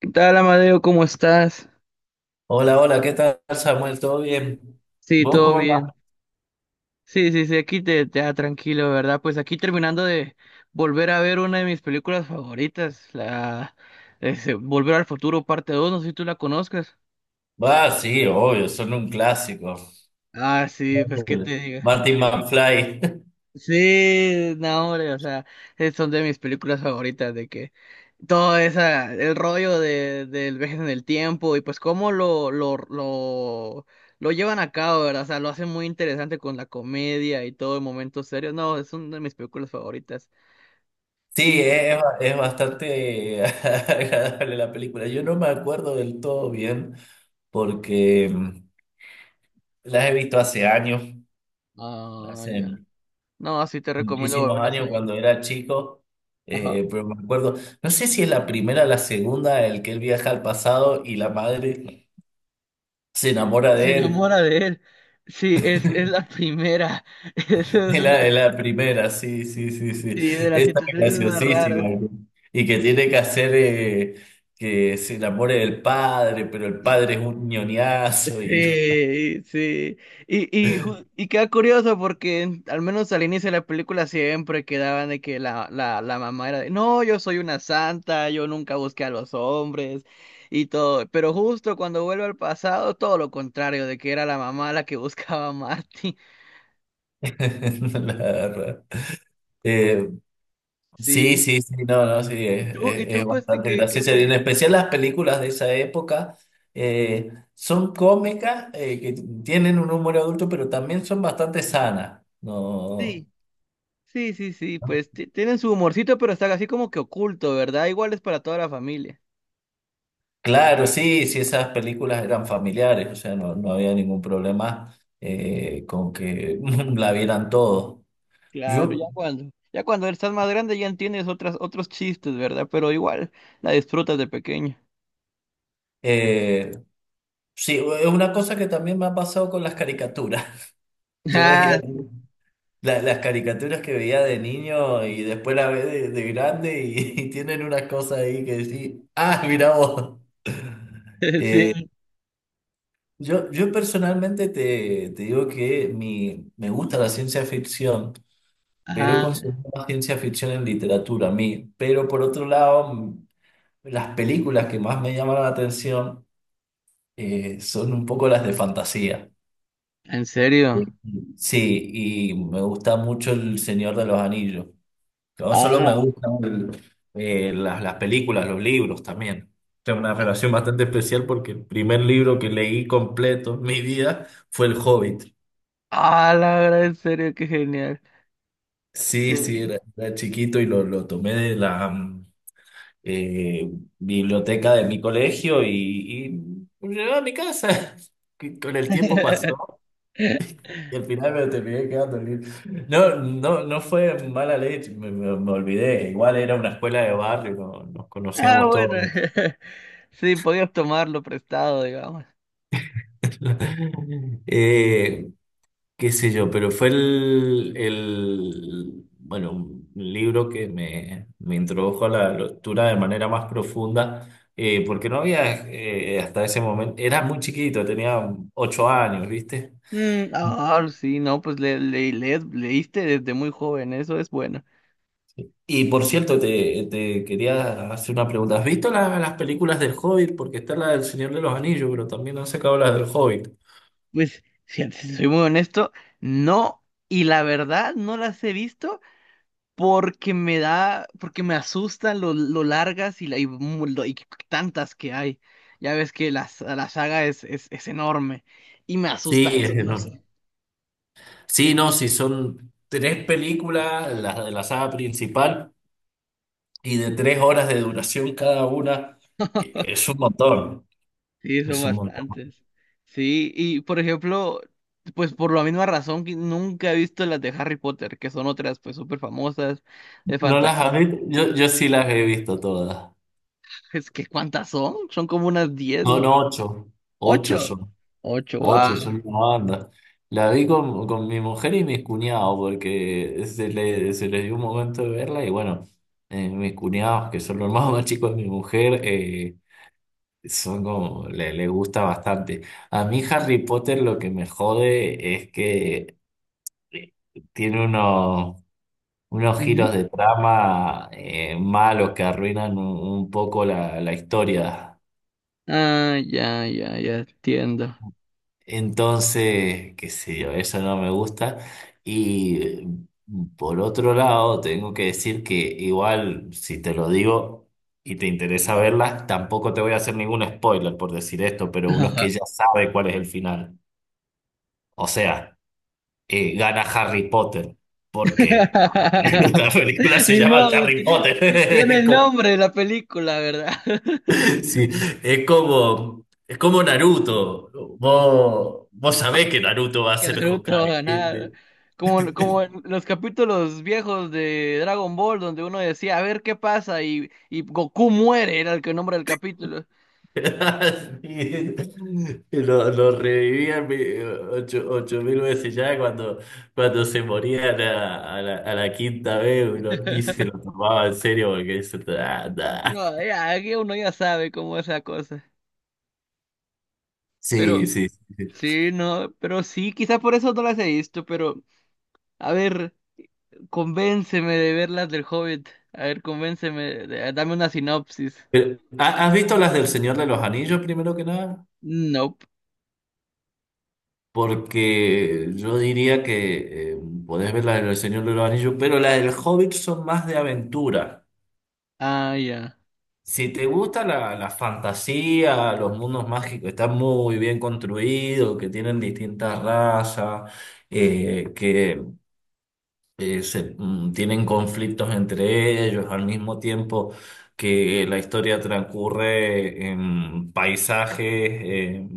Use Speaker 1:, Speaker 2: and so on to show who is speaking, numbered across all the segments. Speaker 1: ¿Qué tal, Amadeo? ¿Cómo estás?
Speaker 2: Hola, hola, ¿qué tal, Samuel? ¿Todo bien?
Speaker 1: Sí,
Speaker 2: ¿Vos
Speaker 1: todo
Speaker 2: cómo
Speaker 1: bien.
Speaker 2: andás?
Speaker 1: Sí, sí, sí, aquí te da tranquilo, ¿verdad? Pues aquí terminando de volver a ver una de mis películas favoritas, la ese, Volver al Futuro, parte 2. No sé si tú la conozcas.
Speaker 2: Ah, sí, obvio, son un clásico.
Speaker 1: Ah, sí, pues qué
Speaker 2: El
Speaker 1: te digo.
Speaker 2: Martin McFly.
Speaker 1: Sí, no, hombre, o sea, son de mis películas favoritas, de que todo esa, el rollo del viaje en el tiempo y pues cómo lo llevan a cabo, ¿verdad? O sea, lo hacen muy interesante con la comedia y todo en momentos serios. No, es una de mis películas favoritas.
Speaker 2: Sí,
Speaker 1: Y,
Speaker 2: es bastante agradable la película. Yo no me acuerdo del todo bien porque las he visto hace años,
Speaker 1: ah,
Speaker 2: hace
Speaker 1: ya. No, sí te recomiendo
Speaker 2: muchísimos
Speaker 1: volverlas a
Speaker 2: años cuando
Speaker 1: ver.
Speaker 2: era chico,
Speaker 1: Ajá.
Speaker 2: pero me acuerdo, no sé si es la primera o la segunda, el que él viaja al pasado y la madre se enamora
Speaker 1: Se
Speaker 2: de
Speaker 1: enamora
Speaker 2: él.
Speaker 1: de él. Sí, es la primera. Esa es
Speaker 2: Es
Speaker 1: una,
Speaker 2: la, es la primera, sí, sí, sí, sí.
Speaker 1: sí, de las
Speaker 2: Esa es
Speaker 1: situaciones más
Speaker 2: graciosísima,
Speaker 1: raras.
Speaker 2: ¿no? Y que tiene que hacer que se enamore del padre, pero el padre es un ñoñazo y no,
Speaker 1: Sí, sí. Y, y queda curioso porque al menos al inicio de la película siempre quedaban de que la mamá era de, no, yo soy una santa, yo nunca busqué a los hombres y todo. Pero justo cuando vuelve al pasado, todo lo contrario, de que era la mamá la que buscaba a Marty.
Speaker 2: no la agarra. Eh, sí,
Speaker 1: Sí.
Speaker 2: sí, sí, no, no, sí,
Speaker 1: ¿Y
Speaker 2: es,
Speaker 1: tú, y
Speaker 2: es
Speaker 1: tú pues,
Speaker 2: bastante
Speaker 1: qué
Speaker 2: graciosa. Y en
Speaker 1: película?
Speaker 2: especial las películas de esa época son cómicas, que tienen un humor adulto, pero también son bastante sanas. No.
Speaker 1: Sí, sí, sí, sí, pues tienen su humorcito, pero está así como que oculto, ¿verdad? Igual es para toda la familia.
Speaker 2: Claro, sí, sí, esas películas eran familiares, o sea, no, no había ningún problema con que la vieran todos.
Speaker 1: Claro, ya
Speaker 2: Yo,
Speaker 1: cuando, ya cuando estás más grande ya entiendes otras, otros chistes, ¿verdad? Pero igual la disfrutas de pequeño.
Speaker 2: eh, sí, es una cosa que también me ha pasado con las caricaturas. Yo veía
Speaker 1: Ah,
Speaker 2: las caricaturas que veía de niño y después las ve de grande y, y tienen unas cosas ahí que sí, ah, mira vos.
Speaker 1: sí.
Speaker 2: Yo personalmente te digo que me gusta la ciencia ficción. Pero he
Speaker 1: Ah,
Speaker 2: consumido más ciencia ficción en literatura a mí. Pero por otro lado, las películas que más me llamaron la atención son un poco las de fantasía.
Speaker 1: ¿en
Speaker 2: Eh,
Speaker 1: serio?
Speaker 2: Sí, y me gusta mucho El Señor de los Anillos. No solo me
Speaker 1: Ah,
Speaker 2: gustan las películas, los libros también. Tengo una relación bastante especial porque el primer libro que leí completo en mi vida fue El Hobbit.
Speaker 1: ah, la verdad, en serio, qué genial.
Speaker 2: Sí, sí,
Speaker 1: Sí.
Speaker 2: era chiquito y lo tomé de la, eh, biblioteca de mi colegio y me llevaba a mi casa. Que con el tiempo pasó y al final me terminé quedando. No, no, no fue mala leche, me olvidé. Igual era una escuela de barrio, nos
Speaker 1: Ah,
Speaker 2: conocíamos
Speaker 1: bueno.
Speaker 2: todos.
Speaker 1: Sí, podías tomarlo prestado, digamos.
Speaker 2: Eh, qué sé yo, pero fue el bueno, un libro que me introdujo a la lectura de manera más profunda, porque no había hasta ese momento, era muy chiquito, tenía 8 años, ¿viste?
Speaker 1: Ah, sí, no, pues leíste desde muy joven, eso es bueno.
Speaker 2: Y por cierto, te quería hacer una pregunta. ¿Has visto las películas del Hobbit? Porque está la del Señor de los Anillos, pero también han sacado las del Hobbit.
Speaker 1: Pues, fíjate, si soy muy honesto, no, y la verdad no las he visto, porque me asustan lo largas y, y tantas que hay. Ya ves que las la saga es enorme y me asusta
Speaker 2: Sí,
Speaker 1: eso,
Speaker 2: es
Speaker 1: no
Speaker 2: enorme.
Speaker 1: sé.
Speaker 2: Sí, no, sí, son tres películas, las de la saga principal. Y de 3 horas de duración cada una, es un montón,
Speaker 1: Sí, son
Speaker 2: es un montón.
Speaker 1: bastantes. Sí, y por ejemplo, pues por la misma razón que nunca he visto las de Harry Potter, que son otras pues súper famosas de
Speaker 2: ¿No las has
Speaker 1: fantasía.
Speaker 2: visto? Yo sí las he visto todas.
Speaker 1: Es que ¿cuántas son? Son como unas 10,
Speaker 2: Son
Speaker 1: ¿no?
Speaker 2: ocho, ocho
Speaker 1: Ocho.
Speaker 2: son,
Speaker 1: Ocho,
Speaker 2: ocho
Speaker 1: wow.
Speaker 2: son una banda. La vi con mi mujer y mis cuñados porque se les dio un momento de verla y bueno, mis cuñados, que son los más chicos de mi mujer, son como, le gusta bastante. A mí Harry Potter lo que me jode es que eh, tiene unos giros de trama malos que arruinan un poco la historia.
Speaker 1: Ah, ya, ya, ya entiendo.
Speaker 2: Entonces, qué sé yo, eso no me gusta. Y por otro lado, tengo que decir que igual, si te lo digo y te interesa verlas, tampoco te voy a hacer ningún spoiler por decir esto, pero uno es que ya sabe cuál es el final. O sea, gana Harry Potter, porque la película se
Speaker 1: Ni
Speaker 2: llama
Speaker 1: modo,
Speaker 2: Harry
Speaker 1: tiene
Speaker 2: Potter.
Speaker 1: el nombre de la película, ¿verdad?
Speaker 2: Sí, es como Naruto. Vos sabés que Naruto va a
Speaker 1: Que
Speaker 2: ser
Speaker 1: Naruto va a
Speaker 2: Hokage, ¿viste?
Speaker 1: ganar. Como en los capítulos viejos de Dragon Ball, donde uno decía, a ver qué pasa, y Goku muere, era el que nombra el capítulo.
Speaker 2: Sí. Lo revivían ocho mil veces ya cuando, cuando se morían a la quinta vez, uno ni se lo tomaba en serio porque eso. Ah, nah.
Speaker 1: No, ya, aquí uno ya sabe cómo es la cosa.
Speaker 2: Sí,
Speaker 1: Pero,
Speaker 2: sí, sí.
Speaker 1: sí, no, pero sí, quizá por eso no las he visto, pero, a ver, convénceme de verlas del Hobbit. A ver, convénceme, dame una sinopsis.
Speaker 2: Pero, ¿has visto las del Señor de los Anillos primero que nada?
Speaker 1: No.
Speaker 2: Porque yo diría que podés ver la del Señor de los Anillos, pero la del Hobbit son más de aventura.
Speaker 1: Ah, ya.
Speaker 2: Si te gusta la fantasía, los mundos mágicos, están muy bien construidos, que tienen distintas razas, que tienen conflictos entre ellos, al mismo tiempo que la historia transcurre en paisajes,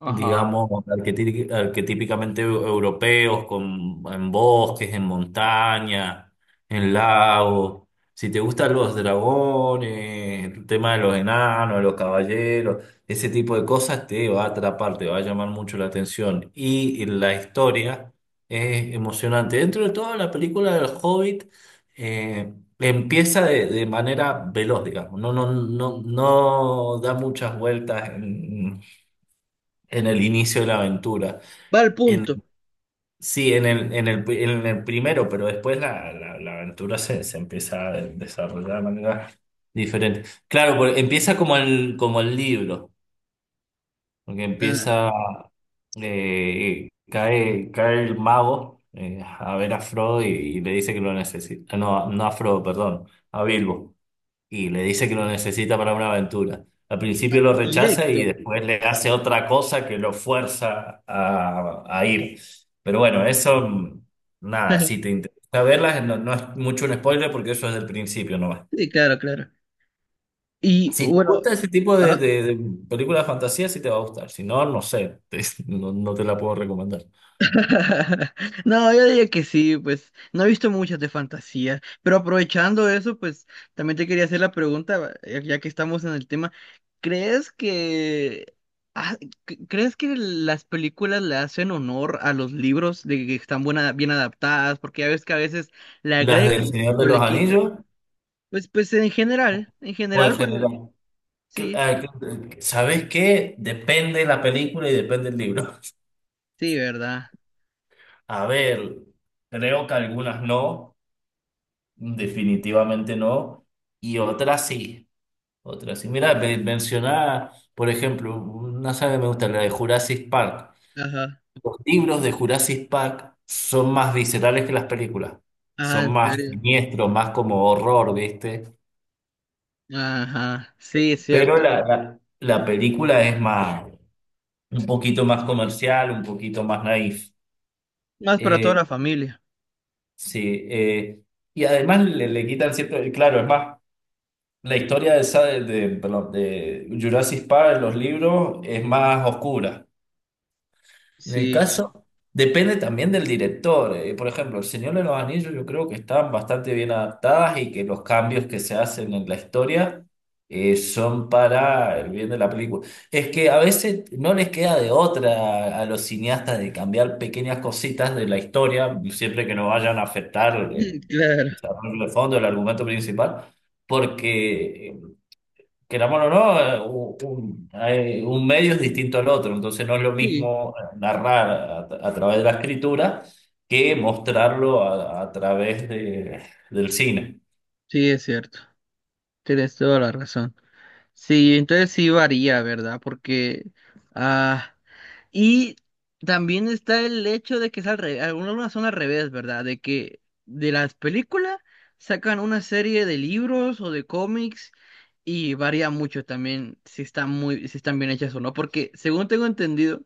Speaker 1: Ajá.
Speaker 2: digamos, arquetípicamente europeos, en bosques, en montaña, en lagos. Si te gustan los dragones, el tema de los enanos, de los caballeros, ese tipo de cosas te va a atrapar, te va a llamar mucho la atención. Y la historia es emocionante. Dentro de todo, la película del Hobbit eh, empieza de manera veloz, digamos. No, no, no, no da muchas vueltas en el inicio de la aventura.
Speaker 1: Va al
Speaker 2: En,
Speaker 1: punto.
Speaker 2: sí, en el primero, pero después la aventura se empieza a desarrollar de manera diferente. Claro, porque empieza como el libro, porque
Speaker 1: Ah,
Speaker 2: empieza, cae el mago a ver a Frodo y le dice que lo necesita. No, no a Frodo, perdón, a Bilbo y le dice que lo necesita para una aventura. Al
Speaker 1: ah,
Speaker 2: principio lo rechaza y
Speaker 1: directo.
Speaker 2: después le hace otra cosa que lo fuerza a ir. Pero bueno, eso, nada, si te interesa verlas, no, no es mucho un spoiler porque eso es del principio nomás.
Speaker 1: Sí, claro, claro. Y
Speaker 2: Si te
Speaker 1: bueno.
Speaker 2: gusta ese tipo de,
Speaker 1: Ajá.
Speaker 2: de, de películas de fantasía, sí te va a gustar. Si no, no sé, no, no te la puedo recomendar.
Speaker 1: No, yo diría que sí, pues no he visto muchas de fantasía, pero aprovechando eso, pues también te quería hacer la pregunta, ya que estamos en el tema, ¿crees que ah, crees que las películas le hacen honor a los libros de que están bien adaptadas? Porque ya ves que a veces le
Speaker 2: Las del
Speaker 1: agregan
Speaker 2: Señor de
Speaker 1: o
Speaker 2: los
Speaker 1: le quitan.
Speaker 2: Anillos
Speaker 1: Pues, en
Speaker 2: o en
Speaker 1: general, bueno,
Speaker 2: general.
Speaker 1: sí,
Speaker 2: ¿Sabes qué? Depende la película y depende el libro.
Speaker 1: sí, ¿verdad?
Speaker 2: A ver, creo que algunas no, definitivamente no, y otras sí, otras sí. Mira, mencionaba, por ejemplo, una saga que me gusta, la de Jurassic Park.
Speaker 1: Ajá,
Speaker 2: Los libros de Jurassic Park son más viscerales que las películas,
Speaker 1: ah,
Speaker 2: son
Speaker 1: en
Speaker 2: más
Speaker 1: serio.
Speaker 2: siniestros, más como horror, ¿viste?
Speaker 1: Ajá, sí, es
Speaker 2: Pero
Speaker 1: cierto.
Speaker 2: la película es más, un poquito más comercial, un poquito más naif.
Speaker 1: Más para toda
Speaker 2: Eh,
Speaker 1: la familia.
Speaker 2: sí, y además le quitan cierto, claro, es más la historia de, perdón, de Jurassic Park en los libros es más oscura. En el
Speaker 1: Sí,
Speaker 2: caso, depende también del director. Por ejemplo, El Señor de los Anillos yo creo que están bastante bien adaptadas y que los cambios que se hacen en la historia son para el bien de la película. Es que a veces no les queda de otra a los cineastas de cambiar pequeñas cositas de la historia, siempre que no vayan a afectar el
Speaker 1: claro,
Speaker 2: desarrollo de fondo, el argumento principal porque queramos o no, un medio es distinto al otro, entonces no es lo
Speaker 1: sí,
Speaker 2: mismo narrar a través de la escritura que mostrarlo a través del cine.
Speaker 1: sí, es cierto. Tienes toda la razón. Sí, entonces sí varía, ¿verdad? Ah, Y también está el hecho de que es al revés, algunas son al revés, ¿verdad? De que de las películas sacan una serie de libros o de cómics y varía mucho también si están bien hechas o no, porque según tengo entendido,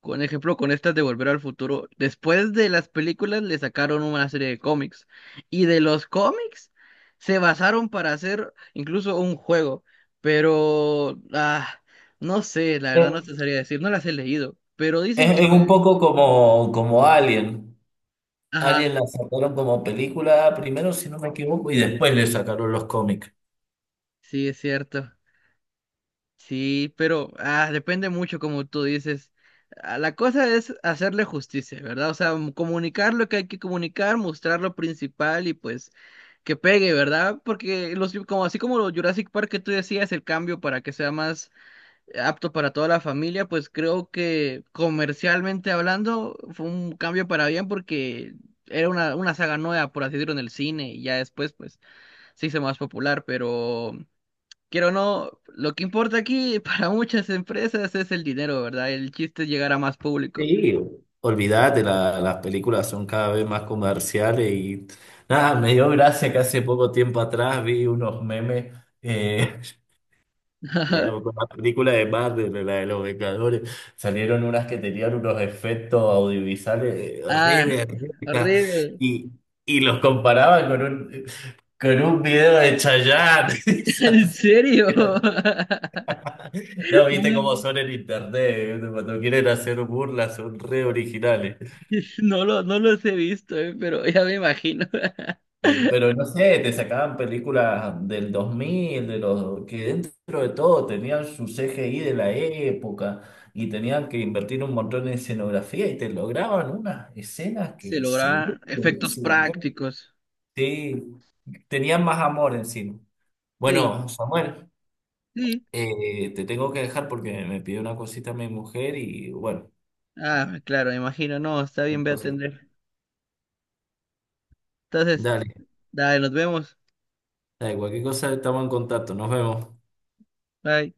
Speaker 1: con ejemplo, con estas de Volver al Futuro, después de las películas le sacaron una serie de cómics y de los cómics se basaron para hacer incluso un juego, pero no sé, la verdad
Speaker 2: Eh,
Speaker 1: no te sabría decir, no las he leído, pero dicen
Speaker 2: Es,
Speaker 1: que
Speaker 2: es
Speaker 1: está.
Speaker 2: un poco como Alien.
Speaker 1: Ajá,
Speaker 2: Alien la sacaron como película primero, si no me equivoco, y después le sacaron los cómics.
Speaker 1: sí, es cierto. Sí, pero depende mucho, como tú dices. Ah, la cosa es hacerle justicia, ¿verdad? O sea, comunicar lo que hay que comunicar, mostrar lo principal y pues que pegue, ¿verdad? Porque así como los Jurassic Park que tú decías, el cambio para que sea más apto para toda la familia, pues creo que comercialmente hablando fue un cambio para bien porque era una saga nueva, por así decirlo, en el cine y ya después pues se hizo más popular, pero. Quiero o no, lo que importa aquí para muchas empresas es el dinero, ¿verdad? El chiste es llegar a más público.
Speaker 2: Sí, olvídate, las películas son cada vez más comerciales y nada, me dio gracia que hace poco tiempo atrás vi unos memes. eh,
Speaker 1: Ajá.
Speaker 2: Con la película de Marvel, la de los Vengadores, salieron unas que tenían unos efectos audiovisuales re
Speaker 1: Ah,
Speaker 2: berreta,
Speaker 1: horrible.
Speaker 2: y, y los comparaban con con un video de Chayanne.
Speaker 1: ¿En serio?
Speaker 2: Eran- No, viste cómo
Speaker 1: No,
Speaker 2: son en internet, cuando quieren hacer burlas son re originales.
Speaker 1: no los he visto, pero ya me imagino.
Speaker 2: Pero no sé, te sacaban películas del 2000 de los que dentro de todo tenían su CGI de la época y tenían que invertir un montón en escenografía y te lograban unas escenas
Speaker 1: Se
Speaker 2: que se ven
Speaker 1: logran efectos
Speaker 2: buenísimas, ¿eh?
Speaker 1: prácticos.
Speaker 2: Sí, tenían más amor encima.
Speaker 1: Sí,
Speaker 2: Bueno, Samuel,
Speaker 1: sí.
Speaker 2: te tengo que dejar porque me pidió una cosita mi mujer y bueno,
Speaker 1: Ah, claro, me imagino. No, está bien, voy a
Speaker 2: entonces,
Speaker 1: atender. Entonces,
Speaker 2: dale,
Speaker 1: dale, nos vemos.
Speaker 2: dale, cualquier cosa estamos en contacto, nos vemos.
Speaker 1: Bye.